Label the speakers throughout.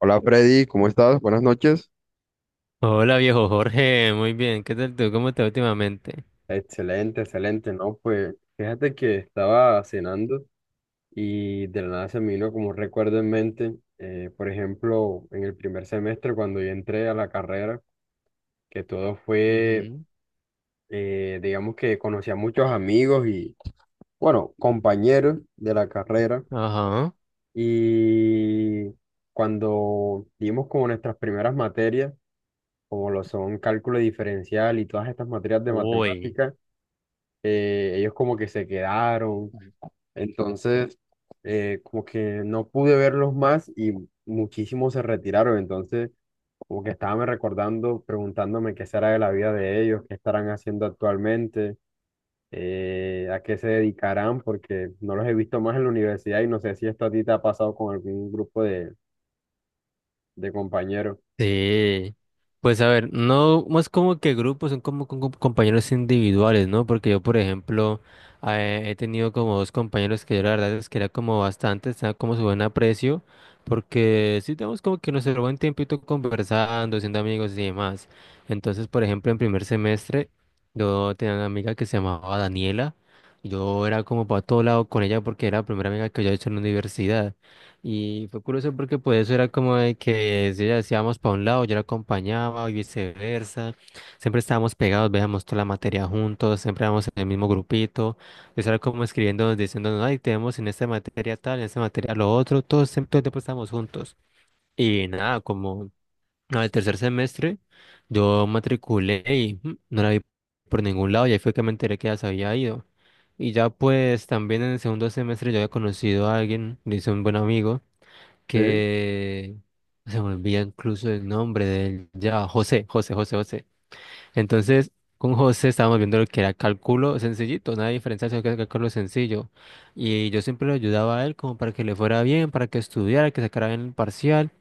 Speaker 1: Hola Freddy, ¿cómo estás? Buenas noches.
Speaker 2: Hola viejo Jorge, muy bien, ¿qué tal tú? ¿Cómo estás últimamente?
Speaker 1: Excelente, excelente, ¿no? Pues fíjate que estaba cenando y de la nada se me vino como un recuerdo en mente, por ejemplo, en el primer semestre cuando yo entré a la carrera, que todo fue,
Speaker 2: Ujú.
Speaker 1: digamos que conocí a muchos amigos y, bueno, compañeros de la carrera
Speaker 2: Ajá.
Speaker 1: y cuando dimos como nuestras primeras materias, como lo son cálculo diferencial y todas estas materias de
Speaker 2: Uy.
Speaker 1: matemáticas, ellos como que se quedaron, entonces como que no pude verlos más y muchísimos se retiraron, entonces como que estaba me recordando, preguntándome qué será de la vida de ellos, qué estarán haciendo actualmente, a qué se dedicarán, porque no los he visto más en la universidad y no sé si esto a ti te ha pasado con algún grupo de compañeros.
Speaker 2: Sí, pues a ver, no, no es como que grupos, son como, con compañeros individuales, ¿no? Porque yo, por ejemplo, he tenido como dos compañeros que yo la verdad es que era como bastante, estaba como su buen aprecio, porque sí tenemos como que nuestro buen tiempito conversando, siendo amigos y demás. Entonces, por ejemplo, en primer semestre, yo tenía una amiga que se llamaba Daniela, yo era como para todo lado con ella porque era la primera amiga que yo he hecho en la universidad. Y fue curioso porque pues eso era como de que si ella decía vamos para un lado, yo la acompañaba y viceversa. Siempre estábamos pegados, veíamos toda la materia juntos, siempre éramos en el mismo grupito. Eso era como escribiendo, diciéndonos, ay, tenemos en esta materia tal, en esta materia lo otro, todos siempre todo el tiempo estábamos juntos. Y nada, como al tercer semestre yo matriculé y no la vi por ningún lado y ahí fue que me enteré que ya se había ido. Y ya pues también en el segundo semestre yo había conocido a alguien, le hice un buen amigo
Speaker 1: Sí.
Speaker 2: que se me olvida incluso el nombre de él, ya, José, José, José, José. Entonces, con José estábamos viendo lo que era cálculo sencillito, nada de diferencia, sino que era cálculo sencillo. Y yo siempre lo ayudaba a él como para que le fuera bien, para que estudiara, que sacara bien el parcial,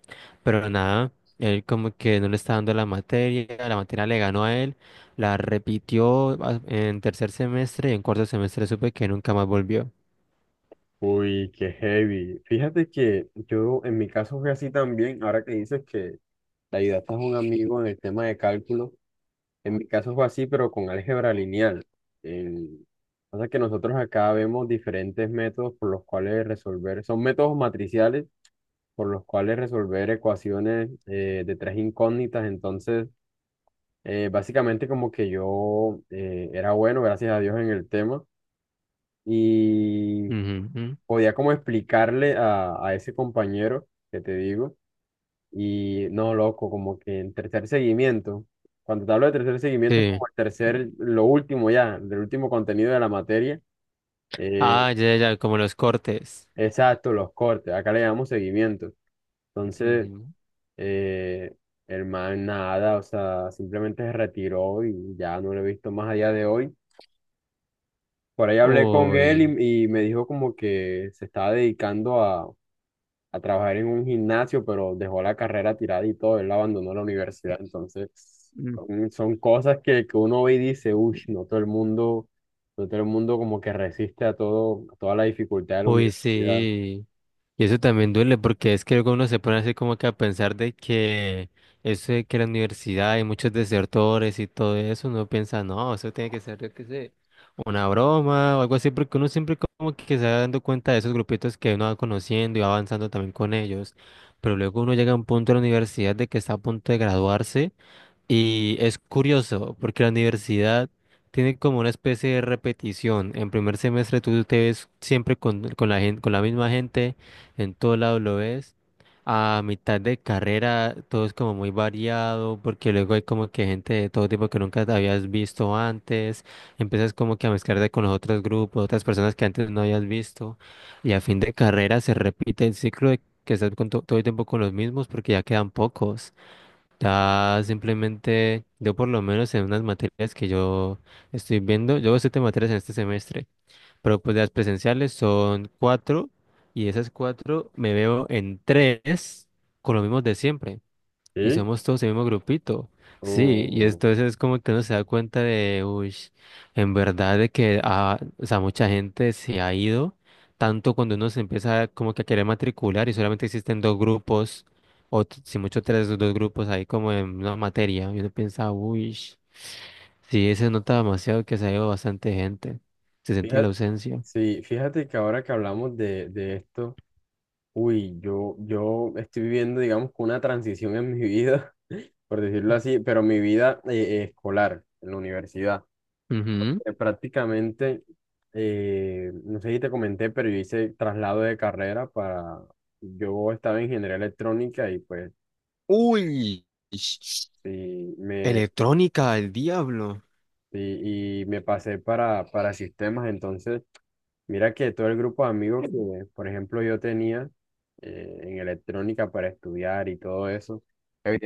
Speaker 2: pero nada, él como que no le estaba dando la materia le ganó a él, la repitió en tercer semestre y en cuarto semestre supe que nunca más volvió.
Speaker 1: Uy, qué heavy. Fíjate que yo en mi caso fue así también, ahora que dices que le ayudaste a un amigo en el tema de cálculo. En mi caso fue así, pero con álgebra lineal. El- Pasa que nosotros acá vemos diferentes métodos por los cuales resolver, son métodos matriciales por los cuales resolver ecuaciones de tres incógnitas. Entonces, básicamente como que yo era bueno, gracias a Dios, en el tema y
Speaker 2: Ujú, ujú.
Speaker 1: podía como explicarle a ese compañero que te digo. Y no, loco, como que el tercer seguimiento, cuando te hablo de tercer seguimiento es
Speaker 2: Sí.
Speaker 1: como el tercer, lo último ya, el último contenido de la materia, eh,
Speaker 2: Ah, ya, ya, ya, como los cortes.
Speaker 1: exacto, los cortes, acá le llamamos seguimiento. Entonces,
Speaker 2: Ujú.
Speaker 1: eh, el man nada, o sea, simplemente se retiró y ya no lo he visto más allá de hoy. Por ahí hablé con él
Speaker 2: Uy.
Speaker 1: y me dijo como que se estaba dedicando a trabajar en un gimnasio, pero dejó la carrera tirada y todo, él abandonó la universidad. Entonces,
Speaker 2: Mm.
Speaker 1: son, son cosas que uno ve y dice, uy, no todo el mundo, no todo el mundo como que resiste a todo, a toda la dificultad de la
Speaker 2: Uy,
Speaker 1: universidad.
Speaker 2: sí. Y eso también duele porque es que luego uno se pone así como que a pensar de que eso de que la universidad y muchos desertores y todo eso, uno piensa, no, eso tiene que ser, yo qué sé, una broma o algo así, porque uno siempre como que se va dando cuenta de esos grupitos que uno va conociendo y va avanzando también con ellos. Pero luego uno llega a un punto de la universidad de que está a punto de graduarse. Y es curioso porque la universidad tiene como una especie de repetición. En primer semestre tú te ves siempre con la gente, con la misma gente, en todo lado lo ves. A mitad de carrera todo es como muy variado porque luego hay como que gente de todo tipo que nunca te habías visto antes. Empiezas como que a mezclarte con los otros grupos, otras personas que antes no habías visto. Y a fin de carrera se repite el ciclo de que estás con todo el tiempo con los mismos porque ya quedan pocos. Ya simplemente, yo por lo menos en unas materias que yo estoy viendo, yo veo siete materias en este semestre, pero pues las presenciales son cuatro y esas cuatro me veo en tres con lo mismo de siempre. Y
Speaker 1: Sí.
Speaker 2: somos todos el mismo grupito. Sí, y
Speaker 1: Mm,
Speaker 2: entonces es como que uno se da cuenta de, uy, en verdad de que ah, o sea, mucha gente se ha ido, tanto cuando uno se empieza como que a querer matricular y solamente existen dos grupos, o si mucho tres, dos grupos ahí como en una materia. Y uno piensa, uy, sí, se nota demasiado que se ha ido bastante gente. Se siente la
Speaker 1: fíjate,
Speaker 2: ausencia.
Speaker 1: sí, fíjate que ahora que hablamos de esto, uy, yo estoy viviendo, digamos, que una transición en mi vida, por decirlo así, pero mi vida escolar, en la universidad.
Speaker 2: Ujú.
Speaker 1: Prácticamente, no sé si te comenté, pero yo hice traslado de carrera para, yo estaba en ingeniería electrónica y pues
Speaker 2: Uy, ish.
Speaker 1: sí, me,
Speaker 2: Electrónica, el diablo.
Speaker 1: y me pasé para sistemas. Entonces, mira que todo el grupo de amigos que, por ejemplo, yo tenía en electrónica para estudiar y todo eso,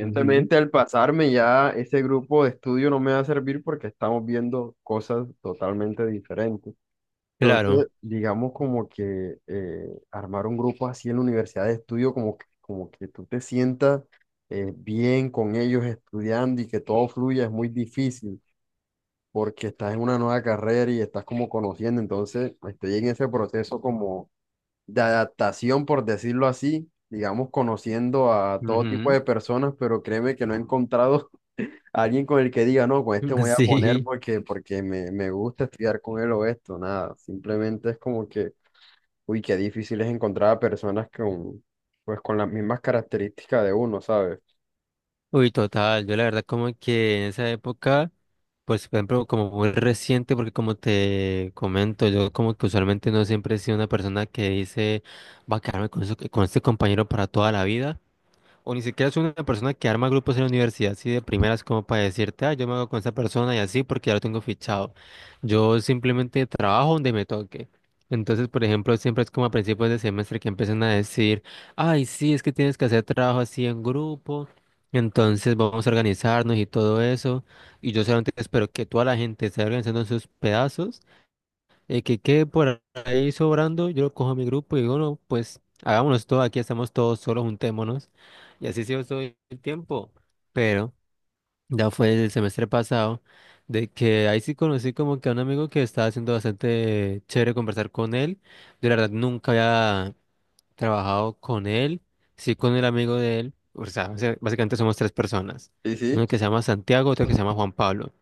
Speaker 2: Ujú.
Speaker 1: al pasarme ya ese grupo de estudio no me va a servir porque estamos viendo cosas totalmente diferentes.
Speaker 2: Claro.
Speaker 1: Entonces, digamos como que armar un grupo así en la universidad de estudio, como que tú te sientas bien con ellos estudiando y que todo fluya, es muy difícil porque estás en una nueva carrera y estás como conociendo, entonces estoy en ese proceso como de adaptación, por decirlo así, digamos, conociendo a todo tipo de personas, pero créeme que no he encontrado a alguien con el que diga, no, con este me voy a poner
Speaker 2: Sí,
Speaker 1: porque, porque me gusta estudiar con él o esto, nada, simplemente es como que uy, qué difícil es encontrar a personas con, pues, con las mismas características de uno, ¿sabes?
Speaker 2: uy, total. Yo la verdad como que en esa época, pues por ejemplo, como muy reciente, porque como te comento, yo como que usualmente no siempre he sido una persona que dice, va a quedarme con, con este compañero para toda la vida. O ni siquiera es una persona que arma grupos en la universidad, así de primeras como para decirte, ah, yo me hago con esa persona y así porque ya lo tengo fichado. Yo simplemente trabajo donde me toque. Entonces, por ejemplo, siempre es como a principios de semestre que empiezan a decir, ay, sí, es que tienes que hacer trabajo así en grupo. Entonces vamos a organizarnos y todo eso. Y yo solamente espero que toda la gente se esté organizando en sus pedazos, el que quede por ahí sobrando, yo lo cojo a mi grupo y digo, no, pues hagámonos todo, aquí estamos todos solos, juntémonos. Y así se hizo todo el tiempo. Pero ya fue el semestre pasado, de que ahí sí conocí como que a un amigo que estaba haciendo bastante chévere conversar con él. Yo la verdad nunca había trabajado con él, sí con el amigo de él. O sea, básicamente somos tres personas.
Speaker 1: Sí, sí.
Speaker 2: Uno que se llama Santiago, otro que se llama Juan Pablo.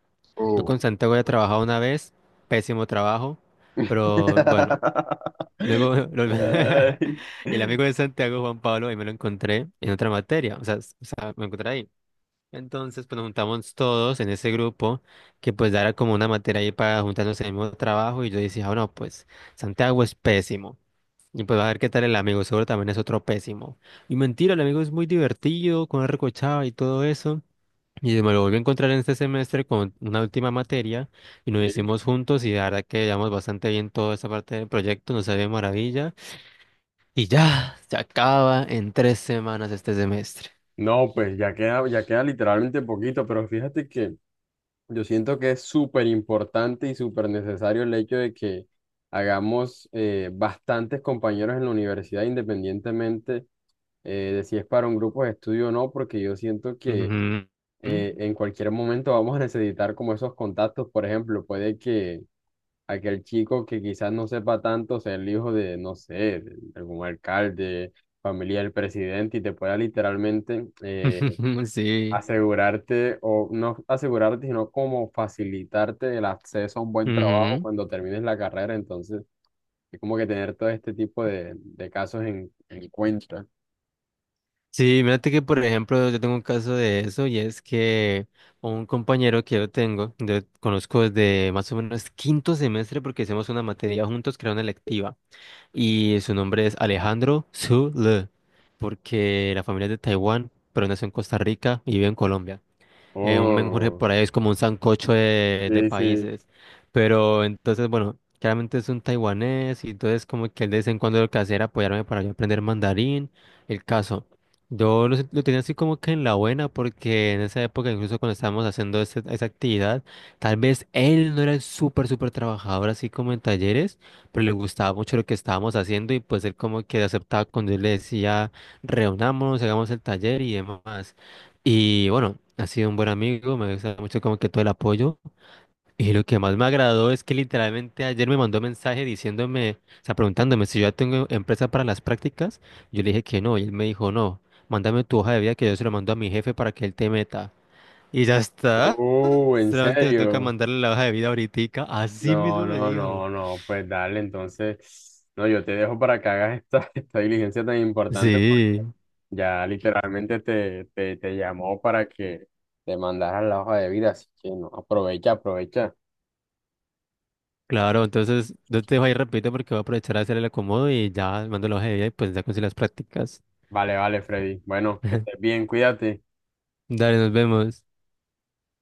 Speaker 2: Yo
Speaker 1: Uh,
Speaker 2: con Santiago ya he trabajado una vez, pésimo trabajo, pero bueno, luego
Speaker 1: ay.
Speaker 2: el amigo de Santiago, Juan Pablo, ahí me lo encontré en otra materia, o sea, o sea, me encontré ahí. Entonces, pues nos juntamos todos en ese grupo, que pues era como una materia ahí para juntarnos en el mismo trabajo, y yo decía, ah, no, pues Santiago es pésimo. Y pues va a ver qué tal el amigo, seguro también es otro pésimo. Y mentira, el amigo es muy divertido, con recochado y todo eso. Y me lo volví a encontrar en este semestre con una última materia y nos
Speaker 1: Sí.
Speaker 2: hicimos juntos y la verdad que llevamos bastante bien toda esa parte del proyecto, nos salió de maravilla y ya se acaba en tres semanas este semestre.
Speaker 1: No, pues ya queda literalmente poquito, pero fíjate que yo siento que es súper importante y súper necesario el hecho de que hagamos bastantes compañeros en la universidad, independientemente de si es para un grupo de estudio o no, porque yo siento que
Speaker 2: Ujú.
Speaker 1: en cualquier momento vamos a necesitar como esos contactos. Por ejemplo, puede que aquel chico que quizás no sepa tanto sea el hijo de, no sé, de algún alcalde, familia del presidente y te pueda literalmente
Speaker 2: Sí.
Speaker 1: asegurarte, o no asegurarte, sino como facilitarte el acceso a un buen trabajo
Speaker 2: Ujú.
Speaker 1: cuando termines la carrera. Entonces, es como que tener todo este tipo de casos en cuenta.
Speaker 2: Sí, mírate que por ejemplo yo tengo un caso de eso y es que un compañero que yo tengo, yo conozco desde más o menos quinto semestre porque hicimos una materia juntos que era una electiva. Y su nombre es Alejandro Zhu Le, porque la familia es de Taiwán, pero nació en Costa Rica y vive en Colombia, un menjurje
Speaker 1: Oh,
Speaker 2: por ahí es como un sancocho de
Speaker 1: sí, sí.
Speaker 2: países. Pero entonces, bueno, claramente es un taiwanés y entonces como que él de vez en cuando lo que hace era apoyarme para yo aprender mandarín. El caso, yo lo, lo tenía así como que en la buena porque en esa época, incluso cuando estábamos haciendo esa actividad, tal vez él no era el súper, súper trabajador así como en talleres, pero le gustaba mucho lo que estábamos haciendo y pues él como que aceptaba cuando él le decía, reunámonos, hagamos el taller y demás. Y bueno, ha sido un buen amigo, me gusta mucho como que todo el apoyo. Y lo que más me agradó es que literalmente ayer me mandó mensaje diciéndome, o sea, preguntándome si yo ya tengo empresa para las prácticas. Yo le dije que no, y él me dijo, no, mándame tu hoja de vida que yo se lo mando a mi jefe para que él te meta. Y ya está,
Speaker 1: Oh, en
Speaker 2: solamente me toca
Speaker 1: serio.
Speaker 2: mandarle la hoja de vida ahoritica, así mismo
Speaker 1: No,
Speaker 2: me
Speaker 1: no,
Speaker 2: dijo.
Speaker 1: no, no, pues dale, entonces, no, yo te dejo para que hagas esta, esta diligencia tan importante
Speaker 2: Sí,
Speaker 1: porque ya literalmente te, te, te llamó para que te mandaras la hoja de vida, así que no, aprovecha, aprovecha.
Speaker 2: claro, entonces no te dejo ahí, repito, porque voy a aprovechar a hacer el acomodo y ya mando la hoja de vida y pues ya conseguí las prácticas.
Speaker 1: Vale, vale, Freddy. Bueno, que estés bien, cuídate.
Speaker 2: Dale, nos vemos.